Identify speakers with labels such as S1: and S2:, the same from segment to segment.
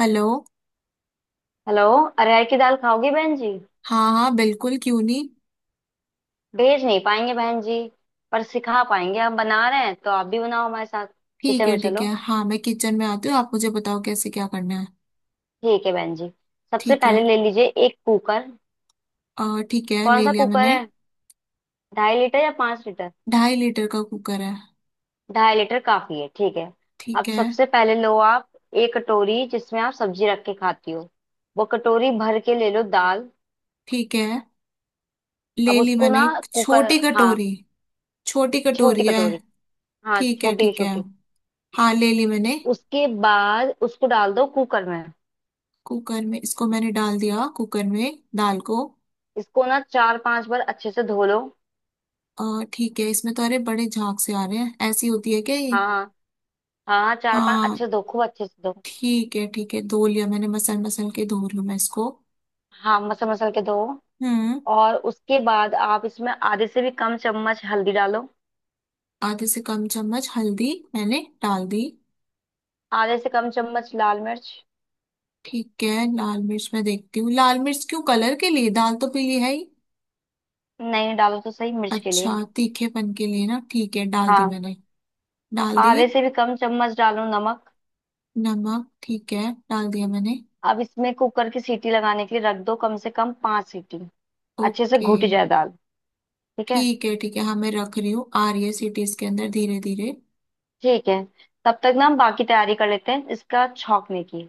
S1: Hello.
S2: Hello. अरहर की दाल खाओगी बहन जी?
S1: हाँ हाँ बिल्कुल क्यों नहीं।
S2: भेज नहीं पाएंगे बहन जी, पर सिखा पाएंगे। हम बना रहे हैं तो आप भी बनाओ हमारे साथ।
S1: ठीक
S2: किचन
S1: है
S2: में
S1: ठीक
S2: चलो।
S1: है हाँ मैं किचन में आती हूँ आप मुझे बताओ कैसे क्या करना है।
S2: ठीक है बहन जी। सबसे
S1: ठीक
S2: पहले
S1: है
S2: ले लीजिए एक कुकर।
S1: और ठीक है
S2: कौन
S1: ले
S2: सा
S1: लिया
S2: कुकर
S1: मैंने।
S2: है, 2.5 लीटर या 5 लीटर?
S1: ढाई लीटर का कुकर है।
S2: 2.5 लीटर काफी है, ठीक है। अब
S1: ठीक है
S2: सबसे पहले लो आप एक कटोरी जिसमें आप सब्जी रख के खाती हो, वो कटोरी भर के ले लो दाल।
S1: ठीक है
S2: अब
S1: ले ली
S2: उसको ना,
S1: मैंने एक
S2: कुकर,
S1: छोटी
S2: हाँ।
S1: कटोरी। छोटी
S2: छोटी
S1: कटोरी है।
S2: कटोरी, हाँ,
S1: ठीक है
S2: छोटी
S1: ठीक है
S2: छोटी।
S1: हाँ ले ली मैंने।
S2: उसके बाद उसको डाल दो कुकर में।
S1: कुकर में इसको मैंने डाल दिया कुकर में दाल को।
S2: इसको ना चार पांच बार अच्छे से धो लो।
S1: और ठीक है इसमें तो अरे बड़े झाग से आ रहे हैं ऐसी होती है क्या ये।
S2: हाँ हाँ हाँ हाँ, चार पांच
S1: हाँ
S2: अच्छे से धो, खूब अच्छे से धो।
S1: ठीक है धो लिया मैंने मसल मसल के धो लूँ मैं इसको।
S2: हाँ, मसल मसल के धो।
S1: हम्म।
S2: और उसके बाद आप इसमें आधे से भी कम चम्मच हल्दी डालो।
S1: आधे से कम चम्मच हल्दी मैंने डाल दी।
S2: आधे से कम चम्मच लाल मिर्च।
S1: ठीक है लाल मिर्च मैं देखती हूँ लाल मिर्च क्यों कलर के लिए दाल तो पीली है ही।
S2: नहीं, डालो तो सही मिर्च के
S1: अच्छा
S2: लिए।
S1: तीखेपन के लिए ना ठीक है डाल दी
S2: हाँ,
S1: मैंने। डाल दी।
S2: आधे से भी कम चम्मच डालो नमक।
S1: नमक ठीक है डाल दिया मैंने।
S2: अब इसमें कुकर की सीटी लगाने के लिए रख दो कम से कम 5 सीटी। अच्छे से
S1: ओके।
S2: घुट जाए दाल, ठीक है
S1: ठीक है हाँ मैं रख रही हूँ आ रही है सीटी इसके अंदर धीरे धीरे।
S2: ठीक है। तब तक ना हम बाकी तैयारी कर लेते हैं इसका छौंकने की।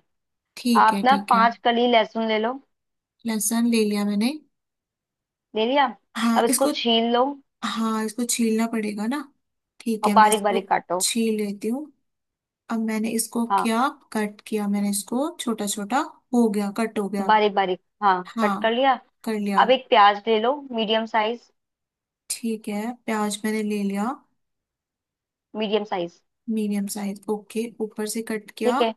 S1: ठीक
S2: आप
S1: है
S2: ना
S1: ठीक है।
S2: 5 कली लहसुन ले लो।
S1: लहसुन ले लिया मैंने।
S2: ले लिया। अब
S1: हाँ
S2: इसको
S1: इसको।
S2: छील लो
S1: हाँ इसको छीलना पड़ेगा ना। ठीक
S2: और
S1: है मैं
S2: बारीक
S1: इसको
S2: बारीक काटो।
S1: छील लेती हूँ। अब मैंने इसको
S2: हाँ,
S1: किया। कट किया मैंने इसको छोटा छोटा। हो गया कट हो गया।
S2: बारीक बारीक, हाँ।
S1: हाँ
S2: कट कर लिया।
S1: कर लिया।
S2: अब एक प्याज ले लो मीडियम साइज।
S1: ठीक है प्याज मैंने ले लिया।
S2: Medium size,
S1: medium size okay ऊपर से कट
S2: ठीक
S1: किया।
S2: है।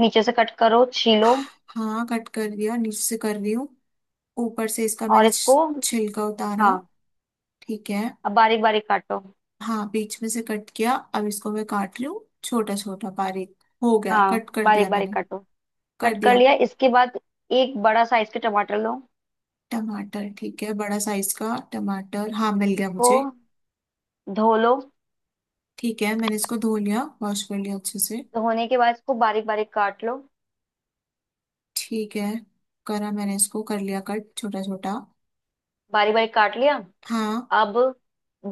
S2: नीचे से कट करो, छीलो।
S1: हाँ कट कर दिया नीचे से कर रही हूँ। ऊपर से इसका
S2: और
S1: मैंने
S2: इसको,
S1: छिलका उतारा।
S2: हाँ।
S1: ठीक है।
S2: अब बारीक बारीक काटो।
S1: हाँ बीच में से कट किया अब इसको मैं काट रही हूँ छोटा छोटा बारीक। हो गया
S2: हाँ,
S1: कट कर
S2: बारीक
S1: दिया
S2: बारीक
S1: मैंने।
S2: काटो।
S1: कर
S2: कट कर
S1: दिया।
S2: लिया इसके बाद। एक बड़ा साइज के टमाटर लो।
S1: टमाटर ठीक है बड़ा साइज का टमाटर हाँ मिल गया
S2: इसको
S1: मुझे।
S2: धो लो।
S1: ठीक है मैंने इसको धो लिया वॉश कर लिया अच्छे से।
S2: धोने के बाद इसको बारीक बारीक काट लो।
S1: ठीक है करा मैंने इसको कर लिया कट छोटा छोटा।
S2: बारीक बारीक काट लिया।
S1: हाँ।
S2: अब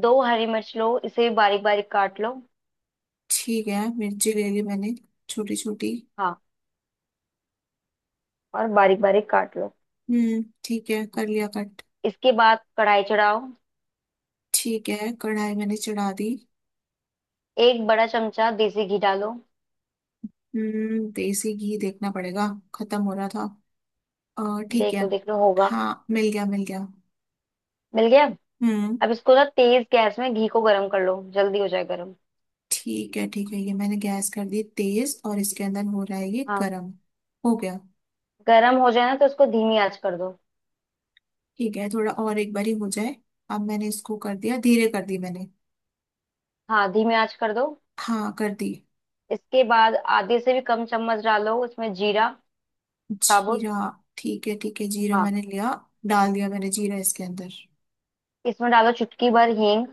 S2: दो हरी मिर्च लो, इसे भी बारीक बारीक काट लो।
S1: ठीक है मिर्ची ले ली मैंने। छोटी छोटी।
S2: हाँ, और बारीक बारीक काट लो।
S1: ठीक है कर लिया कट।
S2: इसके बाद कढ़ाई चढ़ाओ।
S1: ठीक है कढ़ाई मैंने चढ़ा दी।
S2: एक बड़ा चमचा देसी घी डालो।
S1: देसी घी देखना पड़ेगा। खत्म हो रहा था। ठीक
S2: देख
S1: है।
S2: लो, देख लो, होगा।
S1: हाँ मिल गया मिल गया।
S2: मिल गया।
S1: हम्म।
S2: अब इसको ना तेज गैस में घी को गर्म कर लो, जल्दी हो जाए गर्म।
S1: ठीक है ये मैंने गैस कर दी तेज और इसके अंदर हो रहा है ये
S2: हाँ,
S1: गरम। हो गया।
S2: गर्म हो जाए ना तो इसको धीमी आंच कर दो।
S1: ठीक है थोड़ा और एक बारी हो जाए। अब मैंने इसको कर दिया धीरे कर दी मैंने।
S2: हाँ, धीमी आंच कर दो।
S1: हाँ कर दी।
S2: इसके बाद आधे से भी कम चम्मच डालो इसमें जीरा साबुत।
S1: जीरा ठीक है जीरा
S2: हाँ,
S1: मैंने लिया। डाल दिया मैंने जीरा इसके अंदर।
S2: इसमें डालो चुटकी भर हींग।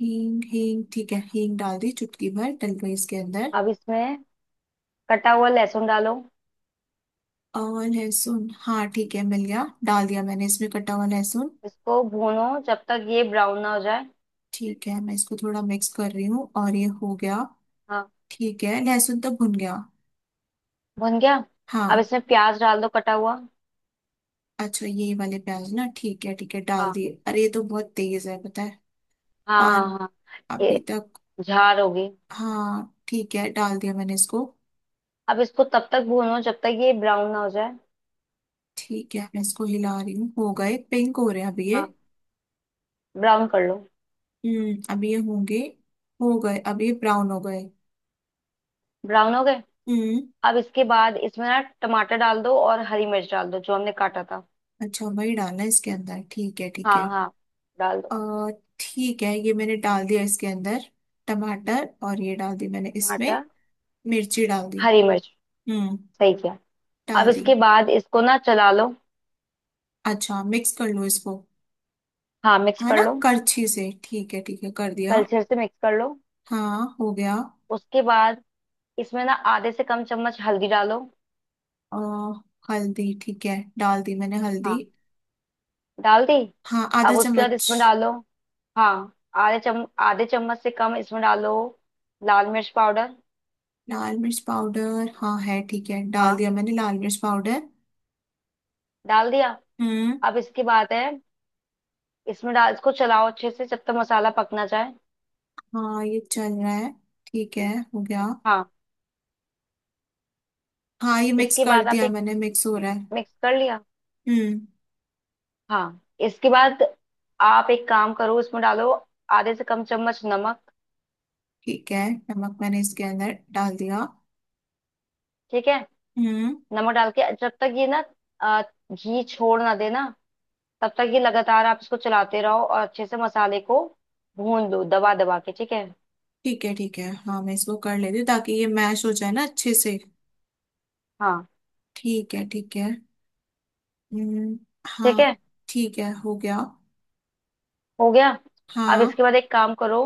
S1: हींग हींग ठीक है हींग डाल दी चुटकी भर डल गई इसके अंदर।
S2: अब इसमें कटा हुआ लहसुन डालो।
S1: और लहसुन हाँ ठीक है मिल गया डाल दिया मैंने इसमें कटा हुआ लहसुन।
S2: इसको भूनो जब तक ये ब्राउन ना हो जाए।
S1: ठीक है मैं इसको थोड़ा मिक्स कर रही हूँ और ये हो गया।
S2: हाँ,
S1: ठीक है लहसुन तो भुन गया।
S2: भुन गया।
S1: हाँ।
S2: अब इसमें प्याज डाल दो कटा हुआ।
S1: अच्छा ये वाले प्याज ना ठीक है डाल
S2: हाँ
S1: दिए अरे ये तो बहुत तेज है पता है।
S2: हाँ
S1: पान।
S2: हाँ हाँ।
S1: अभी
S2: ए-
S1: तक।
S2: झार होगी।
S1: हाँ ठीक है डाल दिया मैंने इसको।
S2: अब इसको तब तक भूनो जब तक ये ब्राउन ना हो जाए।
S1: ठीक है मैं इसको हिला रही हूँ हो गए पिंक हो रहे हैं अभी ये।
S2: हाँ, ब्राउन कर लो।
S1: अभी ये होंगे। हो गए अब ये ब्राउन हो गए।
S2: ब्राउन हो गए।
S1: हम्म।
S2: अब इसके बाद इसमें ना टमाटर डाल दो और हरी मिर्च डाल दो जो हमने काटा था।
S1: अच्छा वही डालना है इसके अंदर ठीक है ठीक
S2: हाँ
S1: है।
S2: हाँ, डाल
S1: अ
S2: दो।
S1: ठीक है ये मैंने डाल दिया इसके अंदर। टमाटर और ये डाल दी मैंने इसमें।
S2: टमाटर,
S1: मिर्ची डाल दी।
S2: हरी मिर्च,
S1: हम्म।
S2: सही किया। अब
S1: डाल दी।
S2: इसके बाद इसको ना चला लो।
S1: अच्छा मिक्स कर लो इसको
S2: हाँ, मिक्स
S1: है
S2: कर
S1: ना
S2: लो।
S1: करछी से ठीक है कर दिया।
S2: कलछे से मिक्स कर लो।
S1: हाँ हो गया।
S2: उसके बाद इसमें ना आधे से कम चम्मच हल्दी डालो।
S1: अ, हल्दी ठीक है डाल दी मैंने हल्दी।
S2: हाँ, डाल दी।
S1: हाँ आधा
S2: अब उसके बाद
S1: चम्मच।
S2: इसमें डालो। हाँ, आधे चम्मच से कम इसमें डालो लाल मिर्च पाउडर।
S1: लाल मिर्च पाउडर हाँ है ठीक है डाल
S2: हाँ,
S1: दिया मैंने लाल मिर्च पाउडर।
S2: डाल दिया।
S1: हम्म।
S2: अब इसकी बात है, इसमें डाल, इसको चलाओ अच्छे से जब तक मसाला पकना जाए।
S1: हाँ ये चल रहा है। ठीक है। हो गया।
S2: हाँ,
S1: हाँ ये मिक्स
S2: इसके
S1: कर
S2: बाद आप
S1: दिया
S2: एक,
S1: मैंने मिक्स हो रहा है।
S2: मिक्स कर लिया।
S1: हम्म।
S2: हाँ, इसके बाद आप एक काम करो, इसमें डालो आधे से कम चम्मच नमक।
S1: ठीक है नमक मैंने इसके अंदर डाल दिया।
S2: ठीक है।
S1: हम्म।
S2: नमक डाल के जब तक ये ना, अ, घी छोड़ ना देना, तब तक ये लगातार आप इसको चलाते रहो और अच्छे से मसाले को भून दो दबा दबा के, ठीक है।
S1: ठीक है हाँ मैं इसको कर लेती हूँ ताकि ये मैश हो जाए ना अच्छे से।
S2: हाँ,
S1: ठीक है ठीक है। हम्म।
S2: ठीक
S1: हाँ।
S2: है,
S1: ठीक है हो गया।
S2: हो गया। अब
S1: हाँ।
S2: इसके बाद एक काम करो,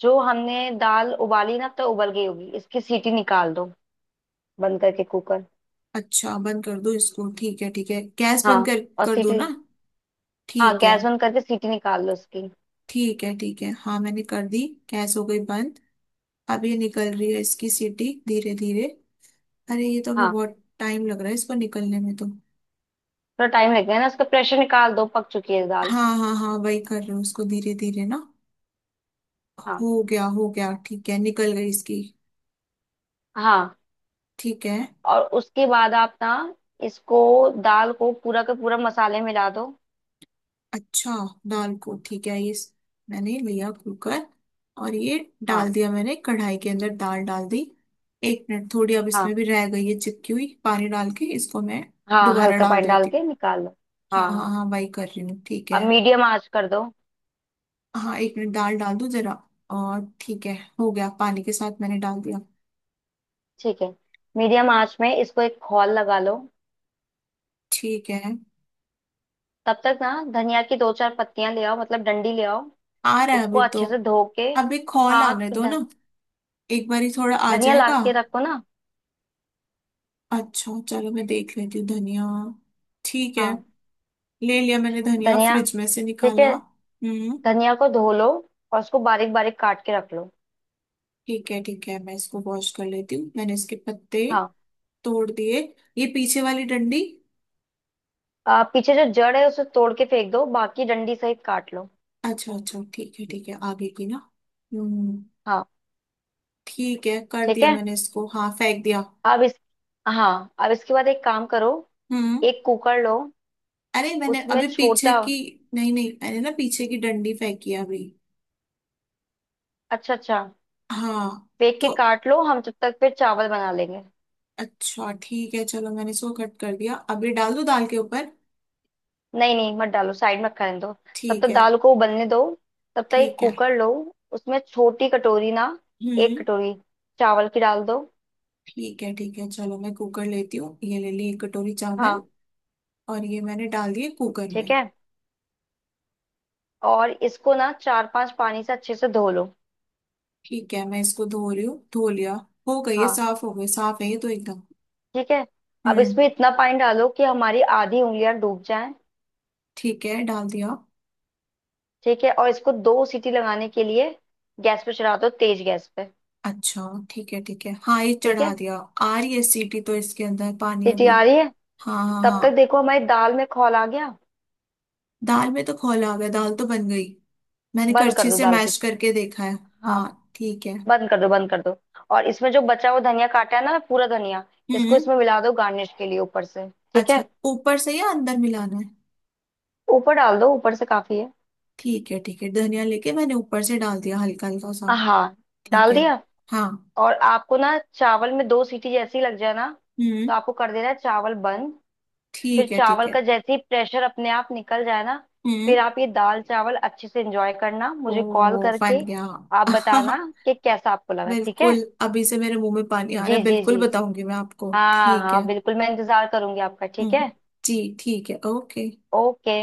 S2: जो हमने दाल उबाली ना अब तो उबल गई होगी, इसकी सीटी निकाल दो, बंद करके कुकर।
S1: अच्छा बंद कर दो इसको ठीक है गैस
S2: हाँ,
S1: बंद कर
S2: और
S1: कर दो
S2: सीटी,
S1: ना।
S2: हाँ,
S1: ठीक है।
S2: गैस बंद करके सीटी निकाल लो उसकी।
S1: ठीक है ठीक है हाँ मैंने कर दी। गैस हो गई बंद। अब ये निकल रही है इसकी सीटी धीरे धीरे। अरे ये तो अभी
S2: हाँ,
S1: बहुत टाइम लग रहा है इसको निकलने में तो।
S2: थोड़ा टाइम लगेगा ना, उसका प्रेशर निकाल दो, पक चुकी है दाल।
S1: हाँ हाँ हाँ वही कर रही हूँ उसको धीरे धीरे ना।
S2: हाँ
S1: हो गया ठीक है निकल गई इसकी।
S2: हाँ।
S1: ठीक है।
S2: और उसके बाद आप ना इसको, दाल को पूरा का पूरा मसाले मिला दो।
S1: अच्छा दाल को ठीक है ये मैंने लिया कुकर। और ये डाल
S2: हाँ
S1: दिया मैंने कढ़ाई के अंदर दाल डाल दी। एक मिनट थोड़ी अब इसमें
S2: हाँ
S1: भी रह गई है चिपकी हुई पानी डाल के इसको मैं
S2: हाँ,
S1: दोबारा
S2: हल्का
S1: डाल
S2: पानी डाल
S1: देती हूँ।
S2: के निकाल लो। हाँ
S1: हाँ हाँ
S2: हाँ।
S1: हाँ वही कर रही हूँ ठीक
S2: अब
S1: है।
S2: मीडियम आंच कर दो।
S1: हाँ एक मिनट दाल डाल दूं जरा। और ठीक है हो गया पानी के साथ मैंने डाल दिया।
S2: ठीक है, मीडियम आंच में इसको एक खौल लगा लो।
S1: ठीक है।
S2: तब तक ना धनिया की दो चार पत्तियां ले आओ, मतलब डंडी ले आओ,
S1: आ रहा है
S2: उसको
S1: अभी तो।
S2: अच्छे से धो के।
S1: अभी खोल
S2: हाँ,
S1: आने दो ना एक बारी थोड़ा आ
S2: धनिया ला
S1: जाएगा।
S2: के रखो ना।
S1: अच्छा चलो मैं देख लेती हूँ धनिया। ठीक है।
S2: हाँ,
S1: ले लिया मैंने धनिया
S2: धनिया,
S1: फ्रिज में से
S2: ठीक है।
S1: निकाला। हम्म।
S2: धनिया को धो लो और उसको बारीक बारीक काट के रख लो।
S1: ठीक है मैं इसको वॉश कर लेती हूँ मैंने इसके पत्ते
S2: हाँ,
S1: तोड़ दिए। ये पीछे वाली डंडी।
S2: पीछे जो जड़ है उसे तोड़ के फेंक दो, बाकी डंडी सहित काट लो।
S1: अच्छा अच्छा ठीक है आगे की ना। हम्म।
S2: हाँ,
S1: ठीक है कर
S2: ठीक
S1: दिया
S2: है।
S1: मैंने इसको हाँ फेंक दिया।
S2: अब इस, हाँ, अब इसके बाद एक काम करो।
S1: हम्म।
S2: एक कुकर लो,
S1: अरे मैंने
S2: उसमें
S1: अभी पीछे
S2: छोटा।
S1: की नहीं नहीं मैंने ना पीछे की डंडी फेंकी है अभी।
S2: अच्छा अच्छा,
S1: हाँ।
S2: फेंक
S1: तो
S2: के काट लो, हम तब तक फिर चावल बना लेंगे।
S1: अच्छा ठीक है चलो मैंने इसको कट कर दिया अब ये डाल दो दाल के ऊपर।
S2: नहीं नहीं, मत डालो, साइड में करने दो। तब
S1: ठीक
S2: तक
S1: है।
S2: दाल को उबलने दो। तब तक एक
S1: ठीक है।
S2: कुकर लो, उसमें छोटी कटोरी ना, एक
S1: हम्म।
S2: कटोरी चावल की डाल दो।
S1: ठीक है चलो मैं कुकर लेती हूँ ये ले ली एक कटोरी चावल।
S2: हाँ,
S1: और ये मैंने डाल दिए कुकर
S2: ठीक
S1: में।
S2: है। और इसको ना चार पांच पानी से अच्छे से धो लो।
S1: ठीक है मैं इसको धो रही हूँ धो लिया। हो गई ये
S2: हाँ,
S1: साफ हो गई साफ है ये तो एकदम।
S2: ठीक है। अब
S1: हम्म।
S2: इसमें इतना पानी डालो कि हमारी आधी उंगलियां डूब जाएं।
S1: ठीक है डाल दिया।
S2: ठीक है, और इसको 2 सीटी लगाने के लिए गैस पे चढ़ा दो, तेज गैस पे।
S1: अच्छा ठीक है हाँ ये
S2: ठीक
S1: चढ़ा
S2: है,
S1: दिया। आ रही है सीटी तो इसके अंदर पानी
S2: सीटी
S1: अभी।
S2: आ रही है।
S1: हाँ हाँ
S2: तब
S1: हाँ।
S2: तक देखो हमारी दाल में खौल आ गया।
S1: दाल में तो खोल आ गया दाल तो बन गई। मैंने
S2: बंद कर
S1: करछी
S2: दो
S1: से
S2: दाल की।
S1: मैश करके देखा है।
S2: हाँ,
S1: हाँ ठीक है।
S2: बंद कर दो, बंद कर दो। और इसमें जो बचा हुआ धनिया काटा है ना, पूरा धनिया इसको
S1: हम्म।
S2: इसमें मिला दो गार्निश के लिए, ऊपर से। ठीक
S1: अच्छा
S2: है,
S1: ऊपर से या अंदर मिलाना है।
S2: ऊपर डाल दो, ऊपर से काफी है।
S1: ठीक है ठीक है धनिया लेके मैंने ऊपर से डाल दिया हल्का हल्का सा।
S2: हाँ,
S1: ठीक
S2: डाल
S1: है।
S2: दिया।
S1: हाँ।
S2: और आपको ना चावल में 2 सीटी जैसी लग जाए ना
S1: हम्म।
S2: तो आपको कर देना है चावल बंद। फिर
S1: ठीक है ठीक
S2: चावल
S1: है।
S2: का जैसे ही प्रेशर अपने आप निकल जाए ना,
S1: हम्म।
S2: फिर आप ये दाल चावल अच्छे से एंजॉय करना, मुझे कॉल
S1: ओ बन
S2: करके
S1: गया।
S2: आप बताना कि कैसा आपको लगा, ठीक है।
S1: बिल्कुल अभी से मेरे मुंह में पानी आ रहा है
S2: जी जी जी,
S1: बिल्कुल बताऊंगी मैं आपको
S2: हाँ
S1: ठीक है।
S2: हाँ बिल्कुल, मैं इंतजार करूंगी आपका, ठीक
S1: हम्म।
S2: है।
S1: जी ठीक है ओके।
S2: ओके।